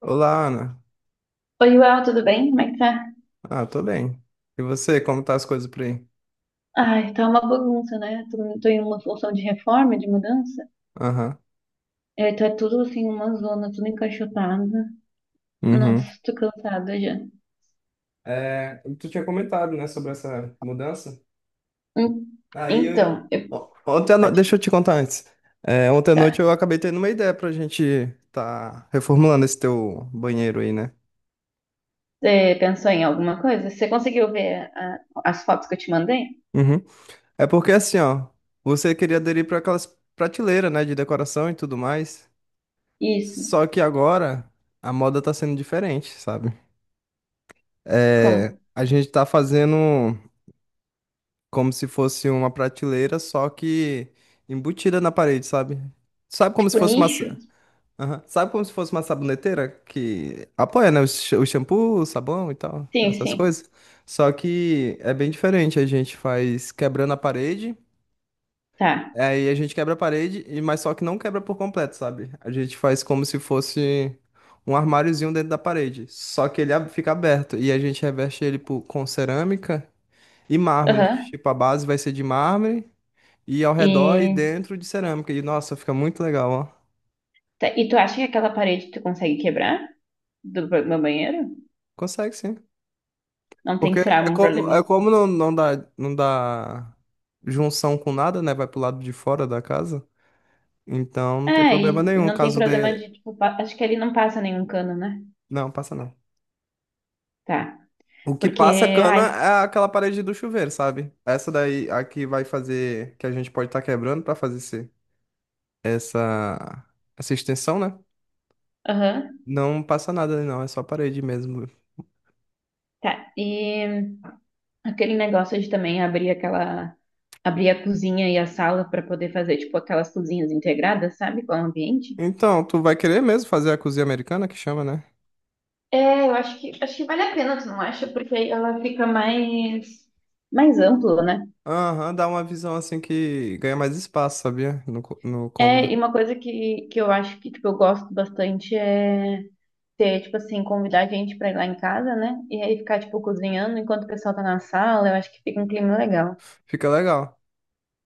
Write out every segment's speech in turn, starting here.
Olá, Ana. Oi, Uel, tudo bem? Como é que tá? Ah, tô bem. E você, como tá as coisas por aí? Ai, tá uma bagunça, né? Tô em uma função de reforma, de mudança. Aham. É, tá tudo assim, uma zona, tudo encaixotado. Uhum. Nossa, tô cansada já. É, tu tinha comentado, né, sobre essa mudança. Hum. Aí, eu- Então, eu... O- ontem à no... deixa pode eu te contar antes. É, ontem à noite tá. eu acabei tendo uma ideia pra gente tá reformulando esse teu banheiro aí, né? Você pensou em alguma coisa? Você conseguiu ver as fotos que eu te mandei? Uhum. É porque assim, ó, você queria aderir para aquelas prateleiras, né, de decoração e tudo mais. Isso. Só que agora a moda tá sendo diferente, sabe? Como? É, a gente tá fazendo, como se fosse uma prateleira, só que embutida na parede, sabe? Sabe como se Tipo fosse uma. nicho? Aham. Sabe como se fosse uma saboneteira que apoia, né? O shampoo, o sabão e tal, Sim, essas sim. coisas. Só que é bem diferente. A gente faz quebrando a parede, Tá. aí a gente quebra a parede, mas só que não quebra por completo, sabe? A gente faz como se fosse um armáriozinho dentro da parede. Só que ele fica aberto. E a gente reveste ele com cerâmica e mármore. Aham. Tipo, a base vai ser de mármore. E ao redor e E, dentro de cerâmica. E nossa, fica muito legal, ó. tá. E tu acha que aquela parede tu consegue quebrar meu banheiro? Consegue sim. Não tem Porque que ser é um como, problema. é como não, não dá junção com nada, né? Vai pro lado de fora da casa. Então não tem É, problema e nenhum não tem caso problema de. de, tipo, acho que ali não passa nenhum cano, né? Não, passa não. Tá. O que Porque, passa cana ai, é aquela parede do chuveiro, sabe? Essa daí, a que vai fazer, que a gente pode estar quebrando pra fazer esse, essa, essa extensão, né? aham, Não passa nada, não, é só parede mesmo. tá. E aquele negócio de também abrir aquela, abrir a cozinha e a sala pra poder fazer, tipo, aquelas cozinhas integradas, sabe? Com o ambiente. Então, tu vai querer mesmo fazer a cozinha americana que chama, né? É, eu acho que vale a pena, tu não acha? Porque aí ela fica mais ampla, né? Aham, dá uma visão assim que ganha mais espaço, sabia? No É, cômodo. e uma coisa que eu acho que, tipo, eu gosto bastante é ter, tipo assim, convidar a gente pra ir lá em casa, né? E aí ficar, tipo, cozinhando enquanto o pessoal tá na sala, eu acho que fica um clima legal. Fica legal.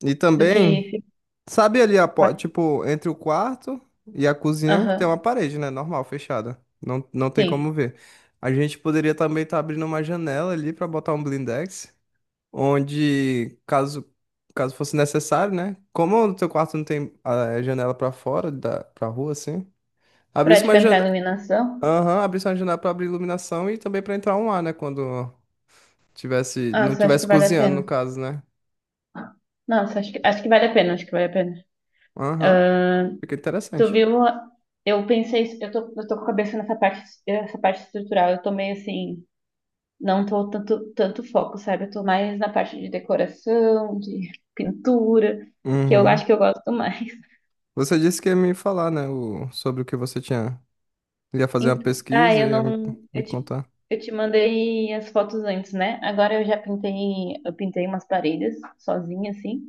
E Do que também, fica. sabe ali, tipo, entre o quarto e a cozinha tem uma Aham, parede, né? Normal, fechada. Não, não tem sim. como ver. A gente poderia também estar abrindo uma janela ali pra botar um blindex, onde, caso fosse necessário, né? Como no teu quarto não tem a janela pra fora, da, pra rua, assim, Pra, abrisse tipo, uma entrar em janela. iluminação. Aham, abrisse uma janela pra abrir iluminação e também pra entrar um ar, né? Quando, tivesse, Ah, não você acha tivesse que vale a cozinhando, no pena? caso, né? Nossa, acho que vale a pena, acho que vale a pena. Aham, fica Tu interessante. viu? Eu pensei, eu tô com a cabeça nessa parte, essa parte estrutural, eu tô meio assim, não tô tanto, tanto foco, sabe? Eu tô mais na parte de decoração, de pintura, que eu acho Uhum. que eu gosto mais. Você disse que ia me falar, né, sobre o que você tinha. Ia fazer uma Então, ah, pesquisa eu e ia me, não. me Eu te, contar. eu te mandei as fotos antes, né? Agora eu já pintei. Eu pintei umas paredes sozinha, assim.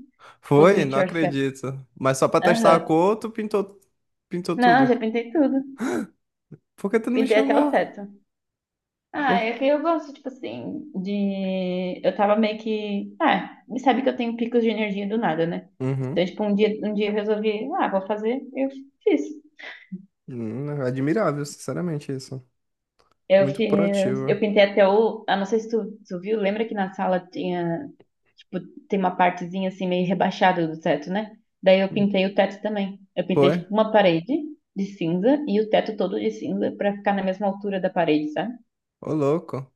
Tipo, do Foi? Não it yourself. acredito. Mas só pra testar a Aham. cor, tu pintou, pintou Não, tudo. já pintei tudo. Por que tu não me Pintei até o chamou? teto. Ah, Por... é que eu gosto, tipo assim, de. Eu tava meio que. Ah, me sabe que eu tenho picos de energia do nada, né? Uhum. Então, tipo, um dia eu resolvi, ah, vou fazer, eu fiz. Admirável, sinceramente, isso. Eu Muito fiz, proativo. eu pintei até o, ah, não sei se tu viu, lembra que na sala tinha, tipo, tem uma partezinha assim meio rebaixada do teto, né? Daí eu pintei o teto também. Eu pintei Foi? tipo uma parede de cinza e o teto todo de cinza pra ficar na mesma altura da parede, sabe? Ô, louco.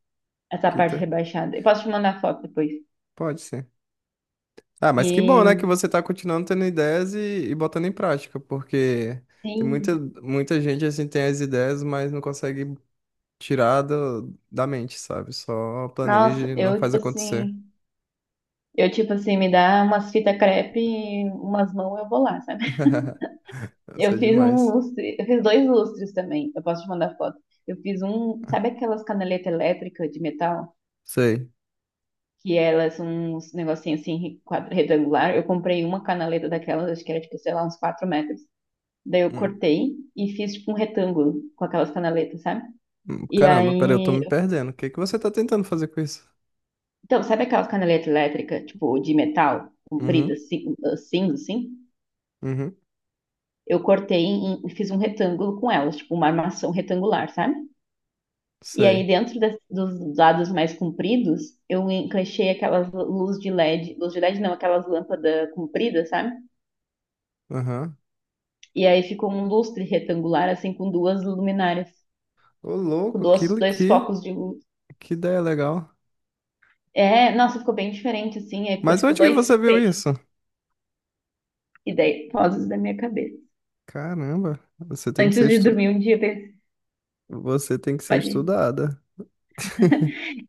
Essa Que parte te... rebaixada. Eu posso te mandar foto depois. Pode ser. Ah, mas que bom, né, que E você tá continuando tendo ideias e botando em prática, porque tem sim, muita, muita gente assim tem as ideias, mas não consegue tirar da mente, sabe? Só planeja nossa, e não eu faz tipo acontecer. assim, eu tipo assim me dá umas fitas crepe, e umas mãos eu vou lá, sabe? Isso é Eu fiz um demais. lustre, eu fiz dois lustres também. Eu posso te mandar foto. Eu fiz um, sabe aquelas canaletas elétricas de metal? Sei. Que elas são uns negocinhos assim, retangular. Eu comprei uma canaleta daquelas, acho que era tipo, sei lá, uns 4 metros. Daí eu Hum. cortei e fiz tipo um retângulo com aquelas canaletas, sabe? E Caramba, peraí, eu tô aí. me perdendo. O que que você tá tentando fazer com isso? Então, sabe aquelas canaletas elétricas, tipo, de metal, compridas, Uhum, assim cinza, assim? uhum, Eu cortei e fiz um retângulo com elas, tipo, uma armação retangular, sabe? E aí, sei. dentro dos dados mais compridos, eu encaixei aquelas luz de LED, luz de LED não, aquelas lâmpadas compridas, sabe? Aham. E aí ficou um lustre retangular, assim, com duas luminárias, Ô, com louco, que, duas, li- dois que, focos de luz. que ideia legal. É, nossa, ficou bem diferente, assim, aí ficou Mas tipo onde que dois você viu isso? feixes, ideias, vozes da minha cabeça. Caramba, Antes de dormir um dia, eu pensei, você tem que ser pode ir. estudada.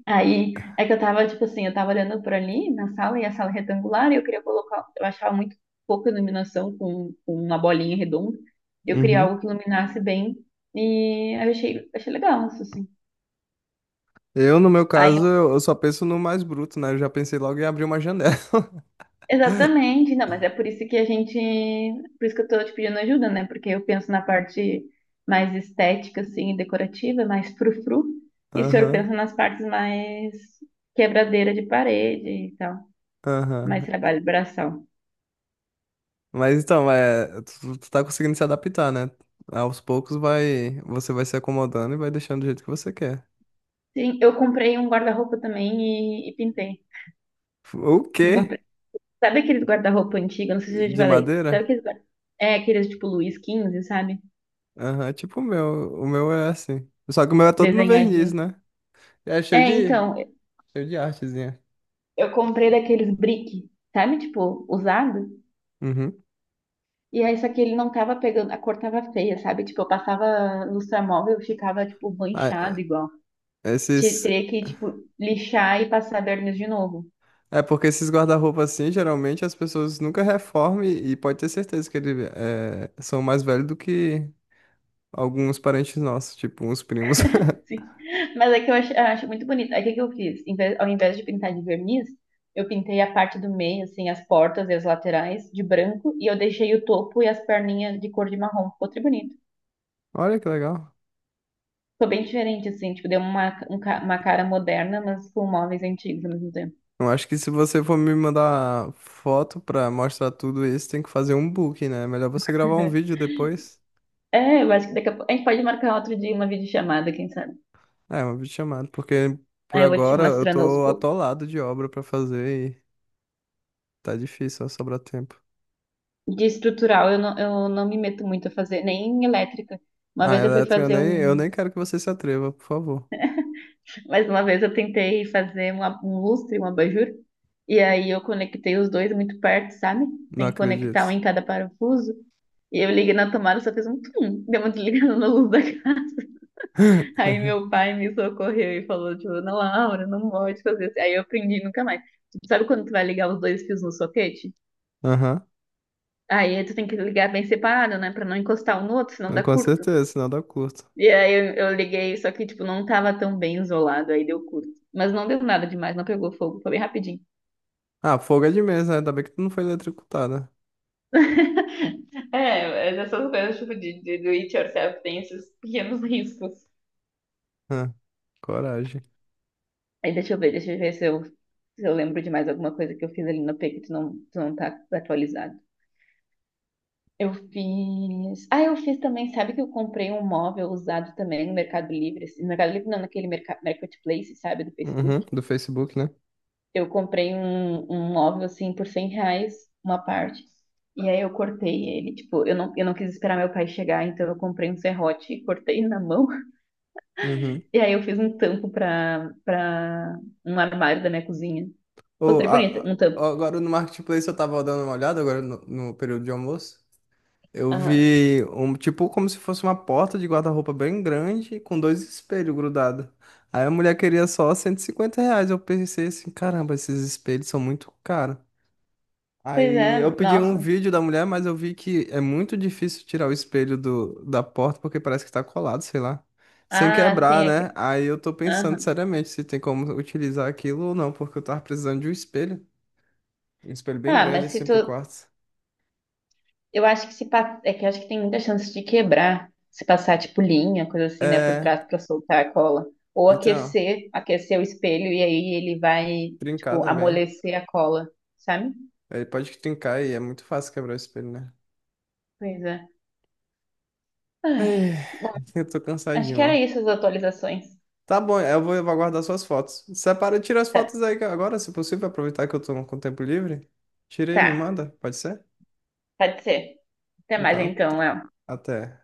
Aí é que eu tava, tipo assim, eu tava olhando por ali na sala e a sala é retangular e eu queria colocar, eu achava muito pouca iluminação com uma bolinha redonda. Eu queria Uhum. algo que iluminasse bem e aí eu achei legal isso, assim. No meu Aí, caso, eu só penso no mais bruto, né? Eu já pensei logo em abrir uma janela. exatamente, não, mas é por isso que eu tô te pedindo ajuda, né? Porque eu penso na parte mais estética, assim, e decorativa, mais frufru, e o senhor Aham, pensa nas partes mais quebradeira de parede e tal, aham. mais trabalho braçal. Mas então, é, tu tá conseguindo se adaptar, né? Aos poucos você vai se acomodando e vai deixando do jeito que você quer. Sim, eu comprei um guarda-roupa também e pintei. O Eu quê? comprei. Sabe aqueles guarda-roupa antigo? Não sei se eu já te De falei. Madeira? É, aqueles tipo Luiz XV sabe? Aham, é tipo o meu. O meu é assim. Só que o meu é todo no verniz, Desenhadinho. né? É cheio É, de, então, cheio de artezinha. eu comprei daqueles brick, sabe? Tipo, usado. Uhum. E aí, só que ele não tava pegando, a cor tava feia, sabe? Tipo, eu passava lustramóvel e ficava, tipo, Ah, manchado igual. Esses, Teria que, tipo, lixar e passar verniz de novo. É porque esses guarda-roupas assim, geralmente as pessoas nunca reformam e pode ter certeza que eles são mais velhos do que alguns parentes nossos, tipo uns primos. Sim. Mas é que eu acho muito bonito. Aí o que que eu fiz? Ao invés de pintar de verniz, eu pintei a parte do meio, assim, as portas e as laterais de branco, e eu deixei o topo e as perninhas de cor de marrom. Ficou tri bonito. Olha que legal. Ficou bem diferente, assim, tipo, deu uma, uma cara moderna, mas com móveis antigos ao mesmo tempo. Eu acho que se você for me mandar foto pra mostrar tudo isso, tem que fazer um book, né? é melhor você gravar um vídeo depois. É, eu acho que daqui a pouco. A gente pode marcar outro dia uma videochamada, quem sabe? É, uma videochamada, porque por Aí eu vou te agora eu mostrando aos tô poucos. atolado de obra pra fazer e tá difícil, ó, sobrar tempo. De estrutural, eu não me meto muito a fazer, nem em elétrica. Uma Ah, vez eu fui Electra, eu fazer nem, eu um. nem quero que você se atreva, por favor. Mas uma vez eu tentei fazer um lustre, um abajur, e aí eu conectei os dois muito perto, sabe? Não Tem que conectar um acredito. em cada parafuso. E eu liguei na tomada, só fez um tum, deu uma desligada na luz da casa. Aí meu pai me socorreu e falou, tipo, não, Laura, não pode fazer isso. Aí eu aprendi nunca mais. Tipo, sabe quando tu vai ligar os dois fios no soquete? Aham. Aí tu tem que ligar bem separado, né? Pra não encostar um no outro, senão dá Com curto. certeza, sinal dá curta. E aí eu liguei, só que, tipo, não tava tão bem isolado, aí deu curto. Mas não deu nada demais, não pegou fogo, foi bem rapidinho. Ah, fogo é de mesa, né? Ainda bem que tu não foi eletrocutada. É, mas essas coisas tipo de do it yourself tem esses pequenos riscos. Ah, coragem. Aí deixa eu ver se eu lembro de mais alguma coisa que eu fiz ali no P que tu não tá atualizado. Eu fiz. Ah, eu fiz também. Sabe que eu comprei um móvel usado também no Mercado Livre? Assim, no Mercado Livre, não, naquele Marketplace, sabe, do Facebook. Uhum, do Facebook, né? Eu comprei um móvel assim por R$ 100, uma parte. E aí eu cortei ele. Tipo, eu não quis esperar meu pai chegar, então eu comprei um serrote e cortei na mão. Uhum. E aí eu fiz um tampo pra um armário da minha cozinha. Ficou Ô, tri bonito, um tampo. agora no Marketplace eu tava dando uma olhada, agora no período de almoço. Eu Aham. vi um tipo como se fosse uma porta de guarda-roupa bem grande com dois espelhos grudados. Aí a mulher queria só R$ 150. Eu pensei assim, caramba, esses espelhos são muito caros. Pois Aí eu é, pedi um nossa. vídeo da mulher, mas eu vi que é muito difícil tirar o espelho do, da porta porque parece que tá colado, sei lá. Sem Ah, sim, quebrar, é né? que. Aí eu tô pensando Aham. seriamente se tem como utilizar aquilo ou não, porque eu tava precisando de um espelho. Um espelho bem Ah, grande mas se assim tu. pro quarto. Eu acho que se pa- é que eu acho que tem muita chance de quebrar. Se passar, tipo, linha, coisa assim, né? Por É, trás pra soltar a cola. Ou então, aquecer o espelho e aí ele vai, trincar tipo, também. amolecer a cola, sabe? Aí pode trincar e é muito fácil quebrar o espelho, né? Pois é. Ai, Ai, bom, eu tô acho cansadinho, que era ó. isso as atualizações. Tá bom, eu vou aguardar suas fotos. Separa, tira as Tá, fotos aí agora, se possível, aproveitar que eu tô com tempo livre. Tira e me tá, manda, pode ser? pode ser. Até mais Então, então, Léo. até.